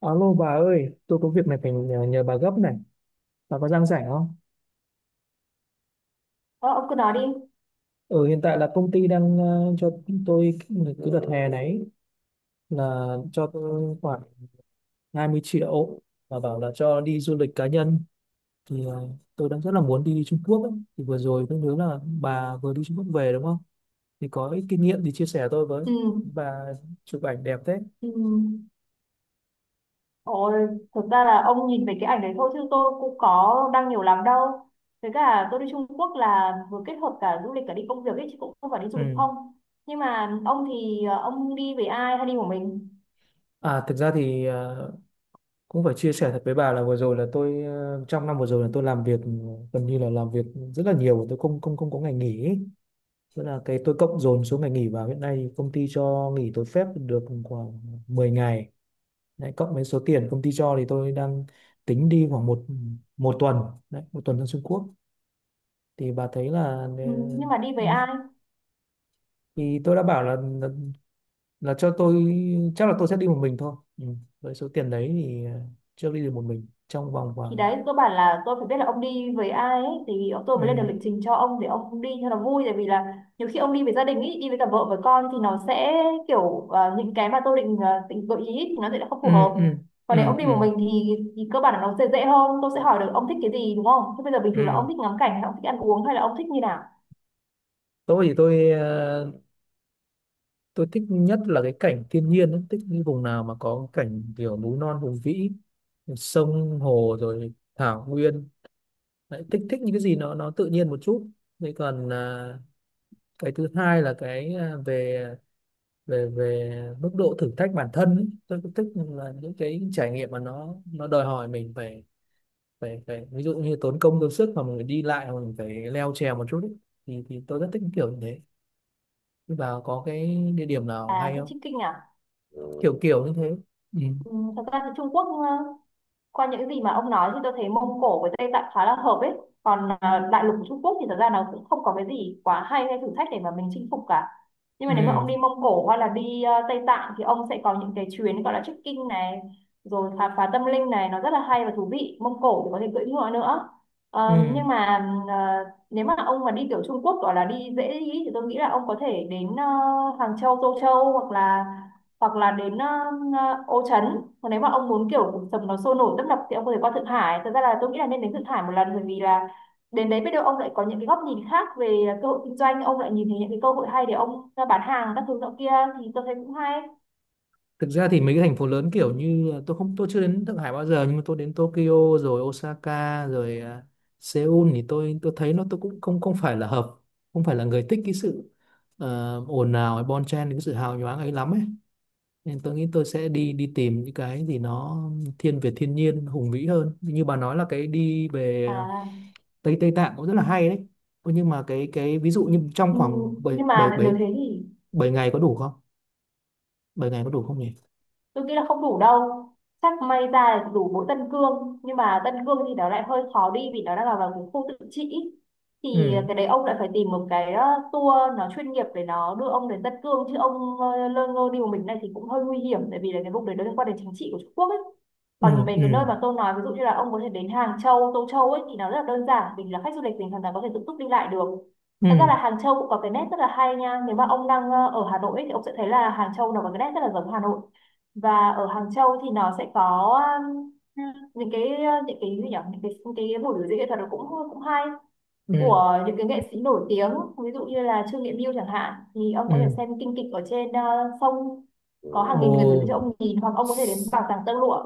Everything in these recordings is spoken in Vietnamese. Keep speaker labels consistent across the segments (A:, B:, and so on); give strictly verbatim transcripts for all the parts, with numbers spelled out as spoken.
A: Alo bà ơi, tôi có việc này phải nhờ, nhờ bà gấp này. Bà có đang rảnh không?
B: Ờ, ông cứ nói đi.
A: Ừ, hiện tại là công ty đang ờ, cho tôi cái đợt hè này là cho tôi khoảng hai mươi triệu và bảo là cho đi du lịch cá nhân. Thì ờ, tôi đang rất là muốn đi Trung Quốc ấy. Thì vừa rồi tôi nhớ là bà vừa đi Trung Quốc về đúng không? Thì có ít kinh nghiệm thì chia sẻ tôi với.
B: Ừ.
A: Bà chụp ảnh đẹp thế.
B: Ừ. Ôi, thực ra là ông nhìn về cái ảnh đấy thôi chứ tôi cũng có đăng nhiều lắm đâu. Với cả tôi đi Trung Quốc là vừa kết hợp cả du lịch cả đi công việc ấy chứ cũng không phải đi du lịch
A: Ừ.
B: không. Nhưng mà ông thì ờ, ông đi với ai hay đi một mình?
A: À, thực ra thì ờ, cũng phải chia sẻ thật với bà là vừa rồi là tôi ờ, trong năm vừa rồi là tôi làm việc, gần như là làm việc rất là nhiều, tôi không không không có ngày nghỉ ấy. Tức là cái tôi cộng dồn số ngày nghỉ vào hiện nay công ty cho nghỉ tôi phép được khoảng mười ngày đấy, cộng với số tiền công ty cho thì tôi đang tính đi khoảng một một tuần đấy, một tuần sang Trung Quốc thì bà thấy là
B: Ừ. Nhưng mà đi
A: ờ,
B: với ai?
A: thì tôi đã bảo là, là là cho tôi, chắc là tôi sẽ đi một mình thôi. Ừ, với số tiền đấy thì ờ, chưa đi được một mình trong vòng
B: Thì
A: khoảng.
B: đấy cơ bản là tôi phải biết là ông đi với ai ấy, thì tôi mới lên được
A: Ừ.
B: lịch trình cho ông để ông đi cho nó vui, tại vì là nhiều khi ông đi với gia đình ý, đi với cả vợ với con thì nó sẽ kiểu ờ, những cái mà tôi định ờ, định gợi ý ý, thì nó sẽ không phù
A: Ừ
B: hợp.
A: ừ.
B: Còn nếu
A: Ừ.
B: ông đi một
A: Ừ.
B: mình thì, thì cơ bản là nó sẽ dễ hơn. Tôi sẽ hỏi được ông thích cái gì, đúng không? Thế bây giờ bình thường là
A: Ừ.
B: ông thích ngắm cảnh hay ông thích ăn uống hay là ông thích như nào?
A: Tôi thì tôi ờ, tôi thích nhất là cái cảnh thiên nhiên ấy. Thích những vùng nào mà có cảnh kiểu núi non hùng vĩ, sông hồ rồi thảo nguyên. Đấy, thích thích những cái gì nó nó tự nhiên một chút. Thế còn ờ, cái thứ hai là cái ờ, về về về mức độ thử thách bản thân ấy. Tôi cũng thích là những cái trải nghiệm mà nó nó đòi hỏi mình phải, phải phải ví dụ như tốn công tốn sức mà mình phải đi lại mà mình phải leo trèo một chút ấy. thì thì tôi rất thích kiểu như thế. Thế bà có cái địa điểm nào
B: À,
A: hay
B: thích
A: không?
B: trekking à?
A: Kiểu kiểu như thế. Ừ.
B: Ừ, thật ra thì Trung Quốc ờ, qua những gì mà ông nói thì tôi thấy Mông Cổ với Tây Tạng khá là hợp ấy. Còn à, đại lục của Trung Quốc thì thật ra nó cũng không có cái gì quá hay hay thử thách để mà mình chinh phục cả. Nhưng mà nếu mà ông
A: Ừ.
B: đi Mông Cổ hay là đi à, Tây Tạng thì ông sẽ có những cái chuyến gọi là trekking này, rồi khám phá tâm linh này, nó rất là hay và thú vị. Mông Cổ thì có thể cưỡi ngựa nữa.
A: Ừ.
B: Ờ, nhưng mà à, nếu mà ông mà đi kiểu Trung Quốc gọi là đi dễ đi thì tôi nghĩ là ông có thể đến à, Hàng Châu, Tô Châu, hoặc là hoặc là đến ờ, ờ, Ô Trấn. Còn nếu mà ông muốn kiểu cuộc sống nó sôi nổi tấp nập thì ông có thể qua Thượng Hải. Thật ra là tôi nghĩ là nên đến Thượng Hải một lần, bởi vì là đến đấy biết đâu ông lại có những cái góc nhìn khác về cơ hội kinh doanh, ông lại nhìn thấy những cái cơ hội hay để ông ờ, bán hàng các thứ nọ kia, thì tôi thấy cũng hay.
A: Thực ra thì mấy cái thành phố lớn kiểu như, tôi không tôi chưa đến Thượng Hải bao giờ, nhưng mà tôi đến Tokyo rồi Osaka rồi à, Seoul thì tôi tôi thấy nó, tôi cũng không không phải là hợp, không phải là người thích cái sự ờ, ồn ào hay bon chen, cái sự hào nhoáng ấy lắm ấy, nên tôi nghĩ tôi sẽ đi đi tìm những cái gì nó thiên về thiên nhiên hùng vĩ hơn, như bà nói là cái đi về
B: à,
A: Tây Tây Tạng cũng rất là hay đấy. Ôi, nhưng mà cái cái ví dụ như trong
B: ừ,
A: khoảng bảy
B: nhưng
A: bảy
B: mà nếu
A: bảy
B: thế thì
A: bảy ngày có đủ không? Bảy ngày có đủ không nhỉ?
B: tôi nghĩ là không đủ đâu. Chắc may ra là đủ mỗi Tân Cương, nhưng mà Tân Cương thì nó lại hơi khó đi vì nó đang là vào cái khu tự trị. Thì
A: Ừ.
B: cái đấy ông lại phải tìm một cái ờ, tour nó chuyên nghiệp để nó đưa ông đến Tân Cương, chứ ông ờ, lơ ngơ đi một mình này thì cũng hơi nguy hiểm, tại vì là cái vùng đấy nó liên quan đến chính trị của Trung Quốc ấy.
A: Ừ
B: Còn mấy cái nơi
A: ừ.
B: mà tôi nói ví dụ như là ông có thể đến Hàng Châu, Tô Châu ấy thì nó rất là đơn giản, vì là khách du lịch mình hoàn toàn có thể tự túc đi lại được.
A: Ừ
B: Thật ra là Hàng Châu cũng có cái nét rất là hay nha. Nếu mà ông đang ờ, ở Hà Nội ấy, thì ông sẽ thấy là Hàng Châu nó có cái nét rất là giống Hà Nội. Và ở Hàng Châu thì nó sẽ có um, những cái uh, những cái gì nhỉ, những cái những cái buổi biểu diễn nghệ thuật, nó cũng cũng hay,
A: ừ.
B: của những cái nghệ sĩ nổi tiếng, ví dụ như là Trương Nghệ Mưu chẳng hạn. Thì ông có thể
A: Ừ.
B: xem kinh kịch ở trên ờ, sông, có hàng
A: Ồ.
B: nghìn người biểu diễn cho ông nhìn, hoặc ông có thể đến bảo tàng tơ lụa.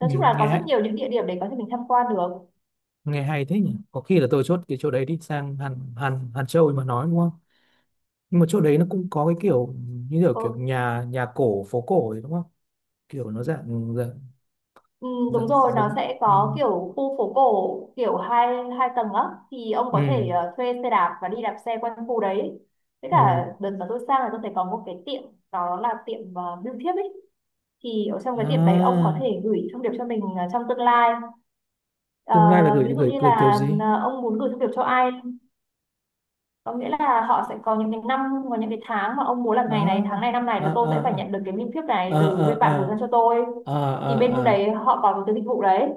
A: Ừ,
B: Nói chung là
A: nghe
B: có rất
A: hay,
B: nhiều những địa điểm để có thể mình tham quan được.
A: nghe hay thế nhỉ. Có khi là tôi chốt cái chỗ đấy đi sang Hàn Hàn Hàn Châu mà nói đúng không? Nhưng mà chỗ đấy nó cũng có cái kiểu như kiểu kiểu
B: Ừ,
A: nhà nhà cổ phố cổ ấy, đúng không? Kiểu nó dạng dạng,
B: Ừ, đúng
A: dạng
B: rồi, nó
A: giống.
B: sẽ
A: Ừ.
B: có kiểu khu phố cổ kiểu hai hai tầng á. Thì ông có
A: Ừ
B: thể ờ, thuê xe đạp và đi đạp xe quanh khu đấy. Với
A: ừ.
B: cả đợt mà tôi sang là tôi thấy có một cái tiệm, đó là tiệm uh, bưu thiếp ấy. Thì ở trong cái
A: À,
B: tiệm đấy ông có thể gửi thông điệp cho mình ờ, trong tương lai. Ờ,
A: tương lai là
B: Ví
A: gửi
B: dụ
A: gửi
B: như
A: gửi kiểu
B: là
A: gì?
B: ờ, ông muốn gửi thông điệp cho ai, có nghĩa là họ sẽ có những cái năm, có những cái tháng mà ông muốn là ngày này tháng
A: À
B: này năm này
A: à.
B: là tôi
A: À
B: sẽ phải nhận được cái bưu thiếp
A: à.
B: này từ bên bạn gửi
A: À
B: sang cho tôi.
A: à. À.
B: Thì
A: À,
B: bên đấy
A: à.
B: họ có cái dịch vụ đấy.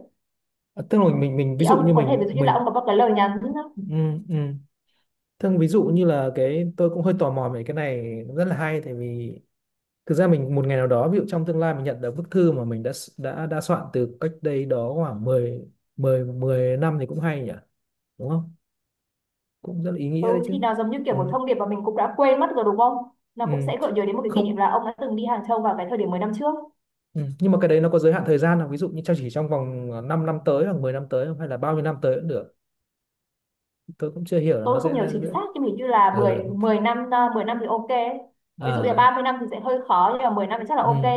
A: À, tức là mình mình ví
B: Thì
A: dụ
B: ông
A: như
B: cũng có thể ví
A: mình
B: dụ như là
A: mình,
B: ông có một cái lời nhắn.
A: ừ, ừ. Thương ví dụ như là cái, tôi cũng hơi tò mò về cái này, rất là hay tại vì thực ra mình một ngày nào đó ví dụ trong tương lai mình nhận được bức thư mà mình đã s- đã đã soạn từ cách đây đó khoảng mười mười mười năm thì cũng hay nhỉ, đúng không? Cũng rất là ý nghĩa đấy
B: Ừ, thì
A: chứ.
B: nó giống như kiểu
A: Ừ,
B: một thông điệp mà mình cũng đã quên mất rồi, đúng không? Nó
A: ừ.
B: cũng sẽ gợi nhớ đến một cái kỷ niệm
A: Không.
B: là ông đã từng đi Hàng Châu vào cái thời điểm mười năm trước.
A: Ừ. Nhưng mà cái đấy nó có giới hạn thời gian là ví dụ như cho chỉ trong vòng 5 năm tới hoặc mười năm tới không, hay là bao nhiêu năm tới cũng được? Tôi cũng chưa hiểu là nó
B: Tôi không
A: sẽ
B: nhớ
A: ra
B: chính
A: giữa.
B: xác nhưng hình như là mười
A: Ừ.
B: mười năm, à, mười năm thì ok. Ví dụ là
A: À.
B: ba mươi năm thì sẽ hơi khó, nhưng mà mười năm thì chắc là ok.
A: Ừ.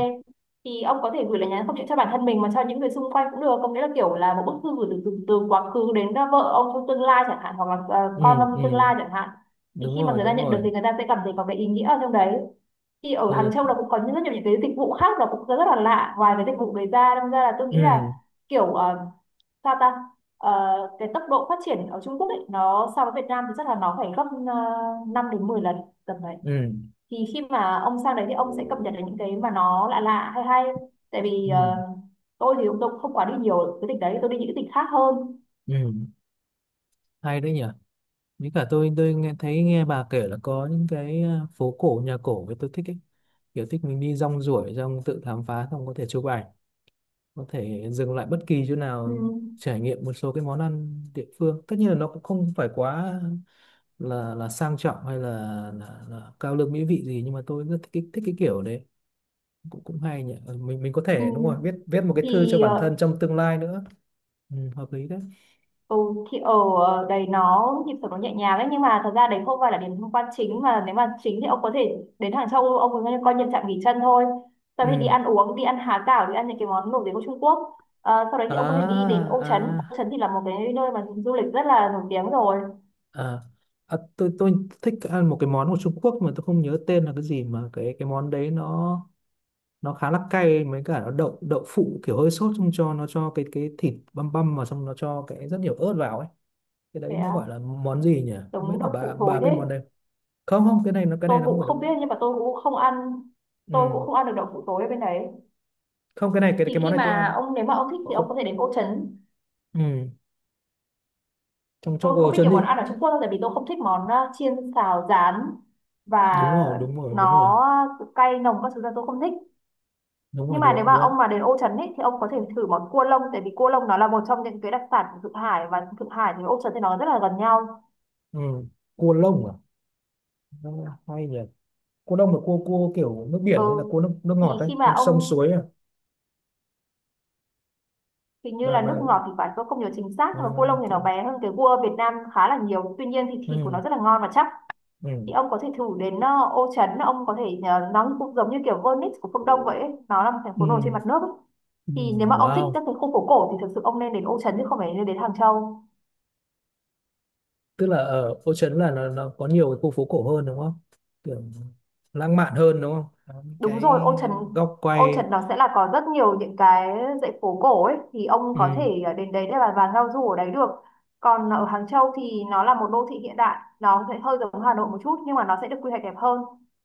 B: Thì ông có thể gửi lời nhắn không chỉ cho bản thân mình mà cho những người xung quanh cũng được, có nghĩa là kiểu là một bức thư gửi từ từ, từ quá khứ đến à, vợ ông trong tương lai chẳng hạn, hoặc là à,
A: Ừ.
B: con ông tương
A: Ừ
B: lai chẳng hạn. Thì
A: đúng
B: khi mà
A: rồi,
B: người ta
A: đúng
B: nhận được thì
A: rồi.
B: người ta sẽ cảm thấy có cái ý nghĩa ở trong đấy. Thì ở
A: Ừ.
B: Hàng Châu là cũng có những rất nhiều những cái dịch vụ khác là cũng rất là lạ, ngoài cái dịch vụ đấy ra. Đâm ra là tôi nghĩ là
A: Ừ.
B: kiểu ờ, sao ta. Ờ, cái tốc độ phát triển ở Trung Quốc ấy, nó so với Việt Nam thì chắc là nó phải gấp uh, năm đến mười lần, tầm đấy.
A: Ừ.
B: Thì khi mà ông sang đấy thì ông sẽ cập nhật được những cái mà nó lạ lạ hay hay, tại vì ờ,
A: Ừ.
B: tôi thì tôi cũng không quá đi nhiều cái tỉnh đấy, tôi đi những cái tỉnh khác hơn.
A: Ừ. Hay đấy nhỉ. Với cả tôi tôi nghe thấy, nghe bà kể là có những cái ờ, phố cổ nhà cổ, với tôi thích ấy, kiểu thích mình đi rong ruổi rong tự khám phá, xong có thể chụp ảnh, có thể dừng lại bất kỳ chỗ
B: Ừ.
A: nào, trải nghiệm một số cái món ăn địa phương. Tất nhiên là nó cũng không phải quá là là sang trọng hay là, là, là cao lương mỹ vị gì, nhưng mà tôi rất thích cái, thích cái kiểu đấy. Cũng cũng hay nhỉ. Ừ, mình mình có
B: Ừ.
A: thể, đúng rồi, viết viết một cái thư cho
B: Thì
A: bản thân
B: ờ,
A: trong tương lai nữa. Ừ, hợp lý đấy.
B: Ừ, thì ở ờ, đấy nó nhịp sống nó nhẹ nhàng đấy, nhưng mà thật ra đấy không phải là điểm tham quan chính, mà nếu mà chính thì ông có thể đến Hàng Châu, ông có coi như trạm nghỉ chân thôi, sau khi đi
A: Ừ.
B: ăn uống, đi ăn há cảo, đi ăn những cái món nổi tiếng của Trung Quốc. Ờ, sau đấy thì ông có thể đi đến
A: À.
B: Ô Trấn. Ô
A: À.
B: Trấn thì là một cái nơi mà du lịch rất là nổi tiếng rồi.
A: À, à tôi, tôi thích ăn một cái món của Trung Quốc mà tôi không nhớ tên là cái gì, mà cái cái món đấy nó nó khá là cay mấy cả nó đậu, đậu phụ kiểu hơi sốt, xong cho nó, cho cái cái thịt băm băm vào, xong nó cho cái rất nhiều ớt vào ấy. Cái
B: Thế
A: đấy nó
B: à?
A: gọi là món gì nhỉ? Không biết
B: Giống
A: là
B: đậu
A: bà
B: phụ thối
A: bà biết
B: thế?
A: món đấy không? Không cái này nó cái
B: Tôi
A: này nó không
B: cũng
A: phải đậu.
B: không biết nhưng mà tôi cũng không ăn. Tôi
A: Ừ.
B: cũng không ăn được đậu phụ thối ở bên đấy.
A: Không, cái này cái
B: Thì
A: cái món
B: khi
A: này tôi
B: mà
A: ăn.
B: ông, nếu mà ông thích thì ông
A: Không.
B: có thể đến Ô Trấn.
A: Ừ, trong trong
B: Tôi không
A: ồ
B: biết
A: chân
B: nhiều
A: đi.
B: món ăn ở Trung Quốc đâu, tại vì tôi không thích món ờ, chiên xào rán, và
A: Đúng rồi, đúng rồi, đúng rồi.
B: nó cay nồng các thứ, là tôi không thích.
A: Đúng rồi,
B: Nhưng mà nếu
A: đồ
B: mà
A: luôn.
B: ông mà đến Ô Trấn ấy, thì ông có thể thử món cua lông, tại vì cua lông nó là một trong những cái đặc sản của Thượng Hải, và Thượng Hải thì Ô Trấn thì nó rất là gần nhau.
A: Ừ. Cua lông à? Nó hay nhỉ. Cua lông là cua cua kiểu nước
B: Ừ,
A: biển hay là cua nước nước
B: thì
A: ngọt đấy?
B: khi mà
A: Con sông
B: ông,
A: suối à?
B: hình như
A: bà
B: là
A: bà,
B: nước ngọt thì phải, tôi không nhớ chính xác,
A: bà
B: nhưng mà cua lông thì
A: thế-.
B: nó bé hơn cái cua Việt Nam khá là nhiều, tuy nhiên thì thịt của
A: Ừ.
B: nó rất là ngon và chắc.
A: Ừ.
B: Thì ông có thể thử đến ờ, Ô Trấn, ông có thể ờ, nó cũng giống như kiểu Venice của phương Đông vậy ấy. Nó là một thành
A: Ừ.
B: phố nổi trên mặt nước ấy.
A: Ừ.
B: Thì nếu mà ông thích
A: Wow.
B: các cái khu phố cổ thì thực sự ông nên đến Ô Trấn chứ không phải nên đến Hàng Châu.
A: Tức là ở phố Trấn là nó, nó có nhiều cái khu phố cổ hơn đúng không? Kiểu lãng mạn hơn đúng không? Có những
B: Đúng
A: cái
B: rồi, ô trần,
A: góc
B: ô
A: quay.
B: trần nó sẽ là có rất nhiều những cái dãy phố cổ ấy. Thì ông có
A: Ừ.
B: thể ờ, đến đấy để mà vào giao du ở đấy được. Còn ở Hàng Châu thì nó là một đô thị hiện đại, nó sẽ hơi giống Hà Nội một chút nhưng mà nó sẽ được quy hoạch đẹp hơn.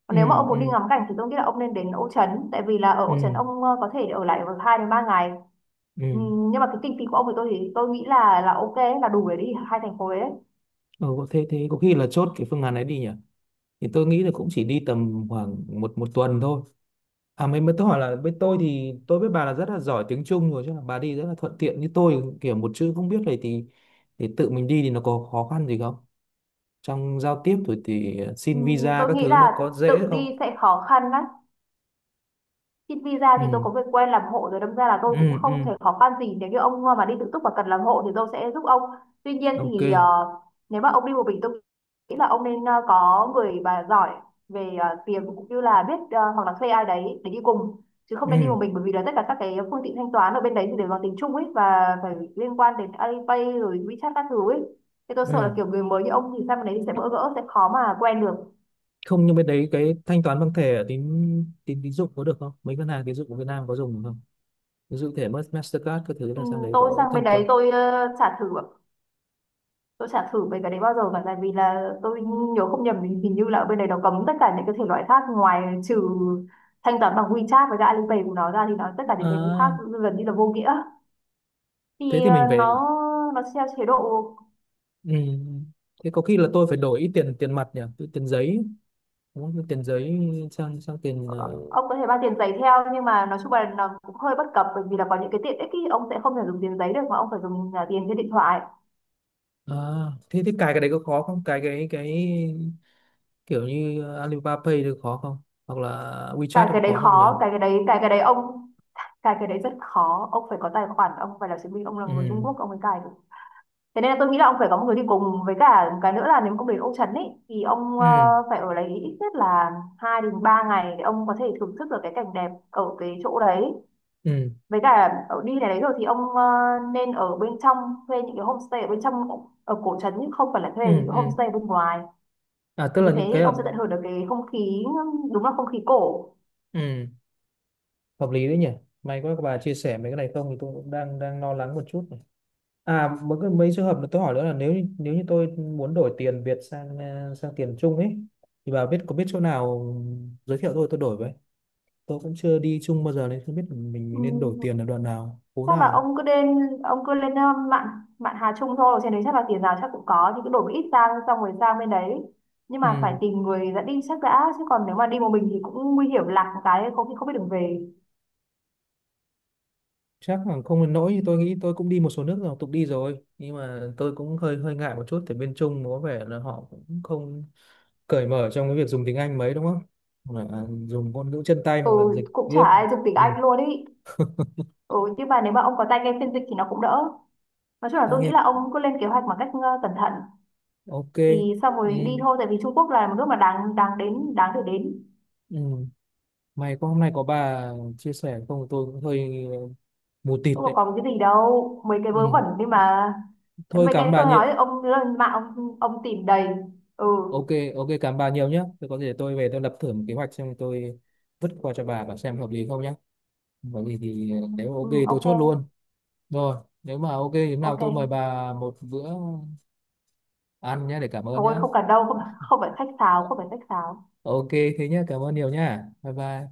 B: Còn
A: Ừ.
B: nếu mà ông muốn đi
A: Ừ.
B: ngắm cảnh thì tôi nghĩ là ông nên đến Ô Trấn, tại vì là ở Ô Trấn
A: Ừ.
B: ông ờ, có thể ở lại được hai đến ba ngày.
A: Ừ.
B: Ừm, nhưng mà cái kinh phí của ông thì tôi thì tôi nghĩ là là ok, là đủ để đi hai thành phố đấy.
A: Ừ. Thế thế có khi là chốt cái phương án ấy đi nhỉ. Thì tôi nghĩ là cũng chỉ đi tầm khoảng một một tuần thôi. À mới mới tôi hỏi là, với tôi thì tôi biết bà là rất là giỏi tiếng Trung rồi chứ là bà đi rất là thuận tiện, như tôi kiểu một chữ không biết này, thì thì tự mình đi thì nó có khó khăn gì không? Trong giao tiếp rồi thì xin
B: Ừm,
A: visa
B: tôi
A: các
B: nghĩ
A: thứ nó
B: là
A: có dễ
B: tự
A: không?
B: đi sẽ khó khăn đấy. Xin visa
A: Ừ.
B: thì tôi có người quen làm hộ rồi, đâm ra là tôi cũng
A: Ừ.
B: không
A: Ừ.
B: thể khó khăn gì. Nếu như ông mà đi tự túc và cần làm hộ thì tôi sẽ giúp ông. Tuy nhiên
A: Ok.
B: thì ờ, nếu mà ông đi một mình, tôi nghĩ là ông nên ờ, có người mà giỏi về ờ, tiền, cũng như là biết, ờ, hoặc là thuê ai đấy để đi cùng, chứ không nên đi
A: Ừ.
B: một mình. Bởi vì là tất cả các cái phương tiện thanh toán ở bên đấy thì đều bằng tiếng Trung ấy, và phải liên quan đến Alipay rồi WeChat các thứ ấy. Thì tôi sợ
A: Ừ.
B: là kiểu người mới như ông thì sang bên đấy thì sẽ bỡ ngỡ, sẽ khó mà quen được.
A: Không, nhưng bên đấy cái thanh toán bằng thẻ ở tín tín tín dụng có được không? Mấy ngân hàng tín dụng của Việt Nam có dùng được không? Ví dụ thẻ Mastercard các thứ
B: Ừ,
A: là sang đấy
B: tôi
A: có
B: sang bên
A: thanh toán.
B: đấy tôi, ờ, chả thử, tôi chả thử về cái đấy bao giờ cả. Tại vì là tôi nhớ không nhầm thì hình như là ở bên đấy nó cấm tất cả những cái thể loại khác, ngoài trừ thanh toán bằng WeChat với cả Alipay của nó ra, thì nó tất cả những cái khác
A: À,
B: gần như là vô nghĩa.
A: thế
B: Thì
A: thì mình
B: ờ,
A: phải.
B: nó nó theo chế độ.
A: Ừ. Thế có khi là tôi phải đổi ít tiền, tiền mặt nhỉ, tiền giấy, muốn cái tiền giấy sang, sang tiền
B: ờ,
A: ờ,
B: ông có thể mang tiền giấy theo, nhưng mà nói chung là nó cũng hơi bất cập, bởi vì là có những cái tiện ích ý, ông sẽ không thể dùng tiền giấy được mà ông phải dùng, à, tiền trên điện thoại.
A: à, thế thế cài cái đấy có khó không? Cài cái cái kiểu như Alibaba Pay được khó không, hoặc là WeChat
B: cái
A: được
B: cái đấy
A: khó không nhỉ?
B: khó, cái cái đấy cái cái đấy ông, cái cái đấy rất khó. Ông phải có tài khoản, ông phải là chứng minh ông là người Trung
A: Ừ.
B: Quốc ông mới cài được. Thế nên là tôi nghĩ là ông phải có một người đi cùng. Với cả một cái nữa là nếu mà ông đến Ô Trấn ấy thì ông, ờ,
A: Ừ.
B: phải ở đấy ít nhất là hai đến ba ngày, để ông có thể thưởng thức được cái cảnh đẹp ở cái chỗ đấy.
A: Ừ.
B: Với cả ở đi này đấy rồi thì ông, ờ, nên ở bên trong, thuê những cái homestay ở bên trong ở cổ trấn, nhưng không phải là thuê những
A: Ừ.
B: cái
A: Ừ.
B: homestay bên ngoài.
A: À tức
B: Thì như
A: là những
B: thế
A: cái ở.
B: ông sẽ tận hưởng được cái không khí, đúng là không khí cổ.
A: Ừ, hợp lý đấy nhỉ. May quá các bà chia sẻ mấy cái này, không thì tôi cũng đang đang lo lắng một chút này. À mấy cái, mấy trường hợp mà tôi hỏi nữa là nếu như-, nếu như tôi muốn đổi tiền Việt sang ờ, sang tiền Trung ấy, thì bà biết, có biết chỗ nào? Ừ, giới thiệu tôi tôi đổi với. Tôi cũng chưa đi chung bao giờ nên không biết mình, mình nên đổi
B: Ừm,
A: tiền ở đoạn nào, phố
B: Chắc là
A: nào.
B: ông cứ lên, ông cứ lên ờ, mạn mạn Hà Trung thôi, trên đấy chắc là tiền nào chắc cũng có, thì cứ đổi một ít sang xong rồi sang bên đấy. Nhưng mà phải
A: Ừ.
B: tìm người dẫn đi chắc đã, chứ còn nếu mà đi một mình thì cũng nguy hiểm, lạc một cái không, khi không biết đường về.
A: Chắc là không đến nỗi như tôi nghĩ, tôi cũng đi một số nước rồi, tục đi rồi, nhưng mà tôi cũng hơi hơi ngại một chút tại bên Trung có vẻ là họ cũng không cởi mở trong cái việc dùng tiếng Anh mấy đúng không? Hoặc là dùng ngôn ngữ chân tay
B: Ừ,
A: hoặc là dịch
B: cũng chả
A: viết.
B: ai dùng tiếng
A: Ừ.
B: Anh luôn ý. Ừ, nhưng mà nếu mà ông có tay nghe phiên dịch thì nó cũng đỡ. Nói chung là
A: Tác
B: tôi nghĩ
A: nghiệp,
B: là ông cứ lên kế hoạch một cách, ờ, cẩn thận,
A: ok.
B: thì xong
A: Ừ.
B: rồi đi thôi. Tại vì Trung Quốc là một nước mà đáng đáng đến, đáng để đến.
A: Ừ. May có hôm nay có bà chia sẻ, không thì tôi cũng hơi mù tịt
B: Cũng có
A: đấy.
B: còn cái gì đâu, mấy cái vớ
A: Ừ.
B: vẩn đi mà. Cái-
A: Thôi
B: mấy
A: cảm ơn
B: cái
A: bà
B: tôi
A: nhiều.
B: nói thì ông lên mạng ông, ông tìm đầy. Ừ,
A: Ok, ok, cảm ơn bà nhiều nhé. Tôi có thể tôi về tôi lập thử một kế hoạch xem, tôi vứt qua cho bà và xem hợp lý không nhé. Có gì thì nếu mà ok
B: ừ.
A: tôi
B: Ok,
A: chốt luôn. Rồi, nếu mà ok thế nào tôi mời
B: ok.
A: bà một bữa ăn nhé để cảm ơn
B: Thôi
A: nhé.
B: không cần đâu, không, không phải khách sáo không phải khách sáo.
A: Ok, thế nhé, cảm ơn nhiều nhé. Bye bye.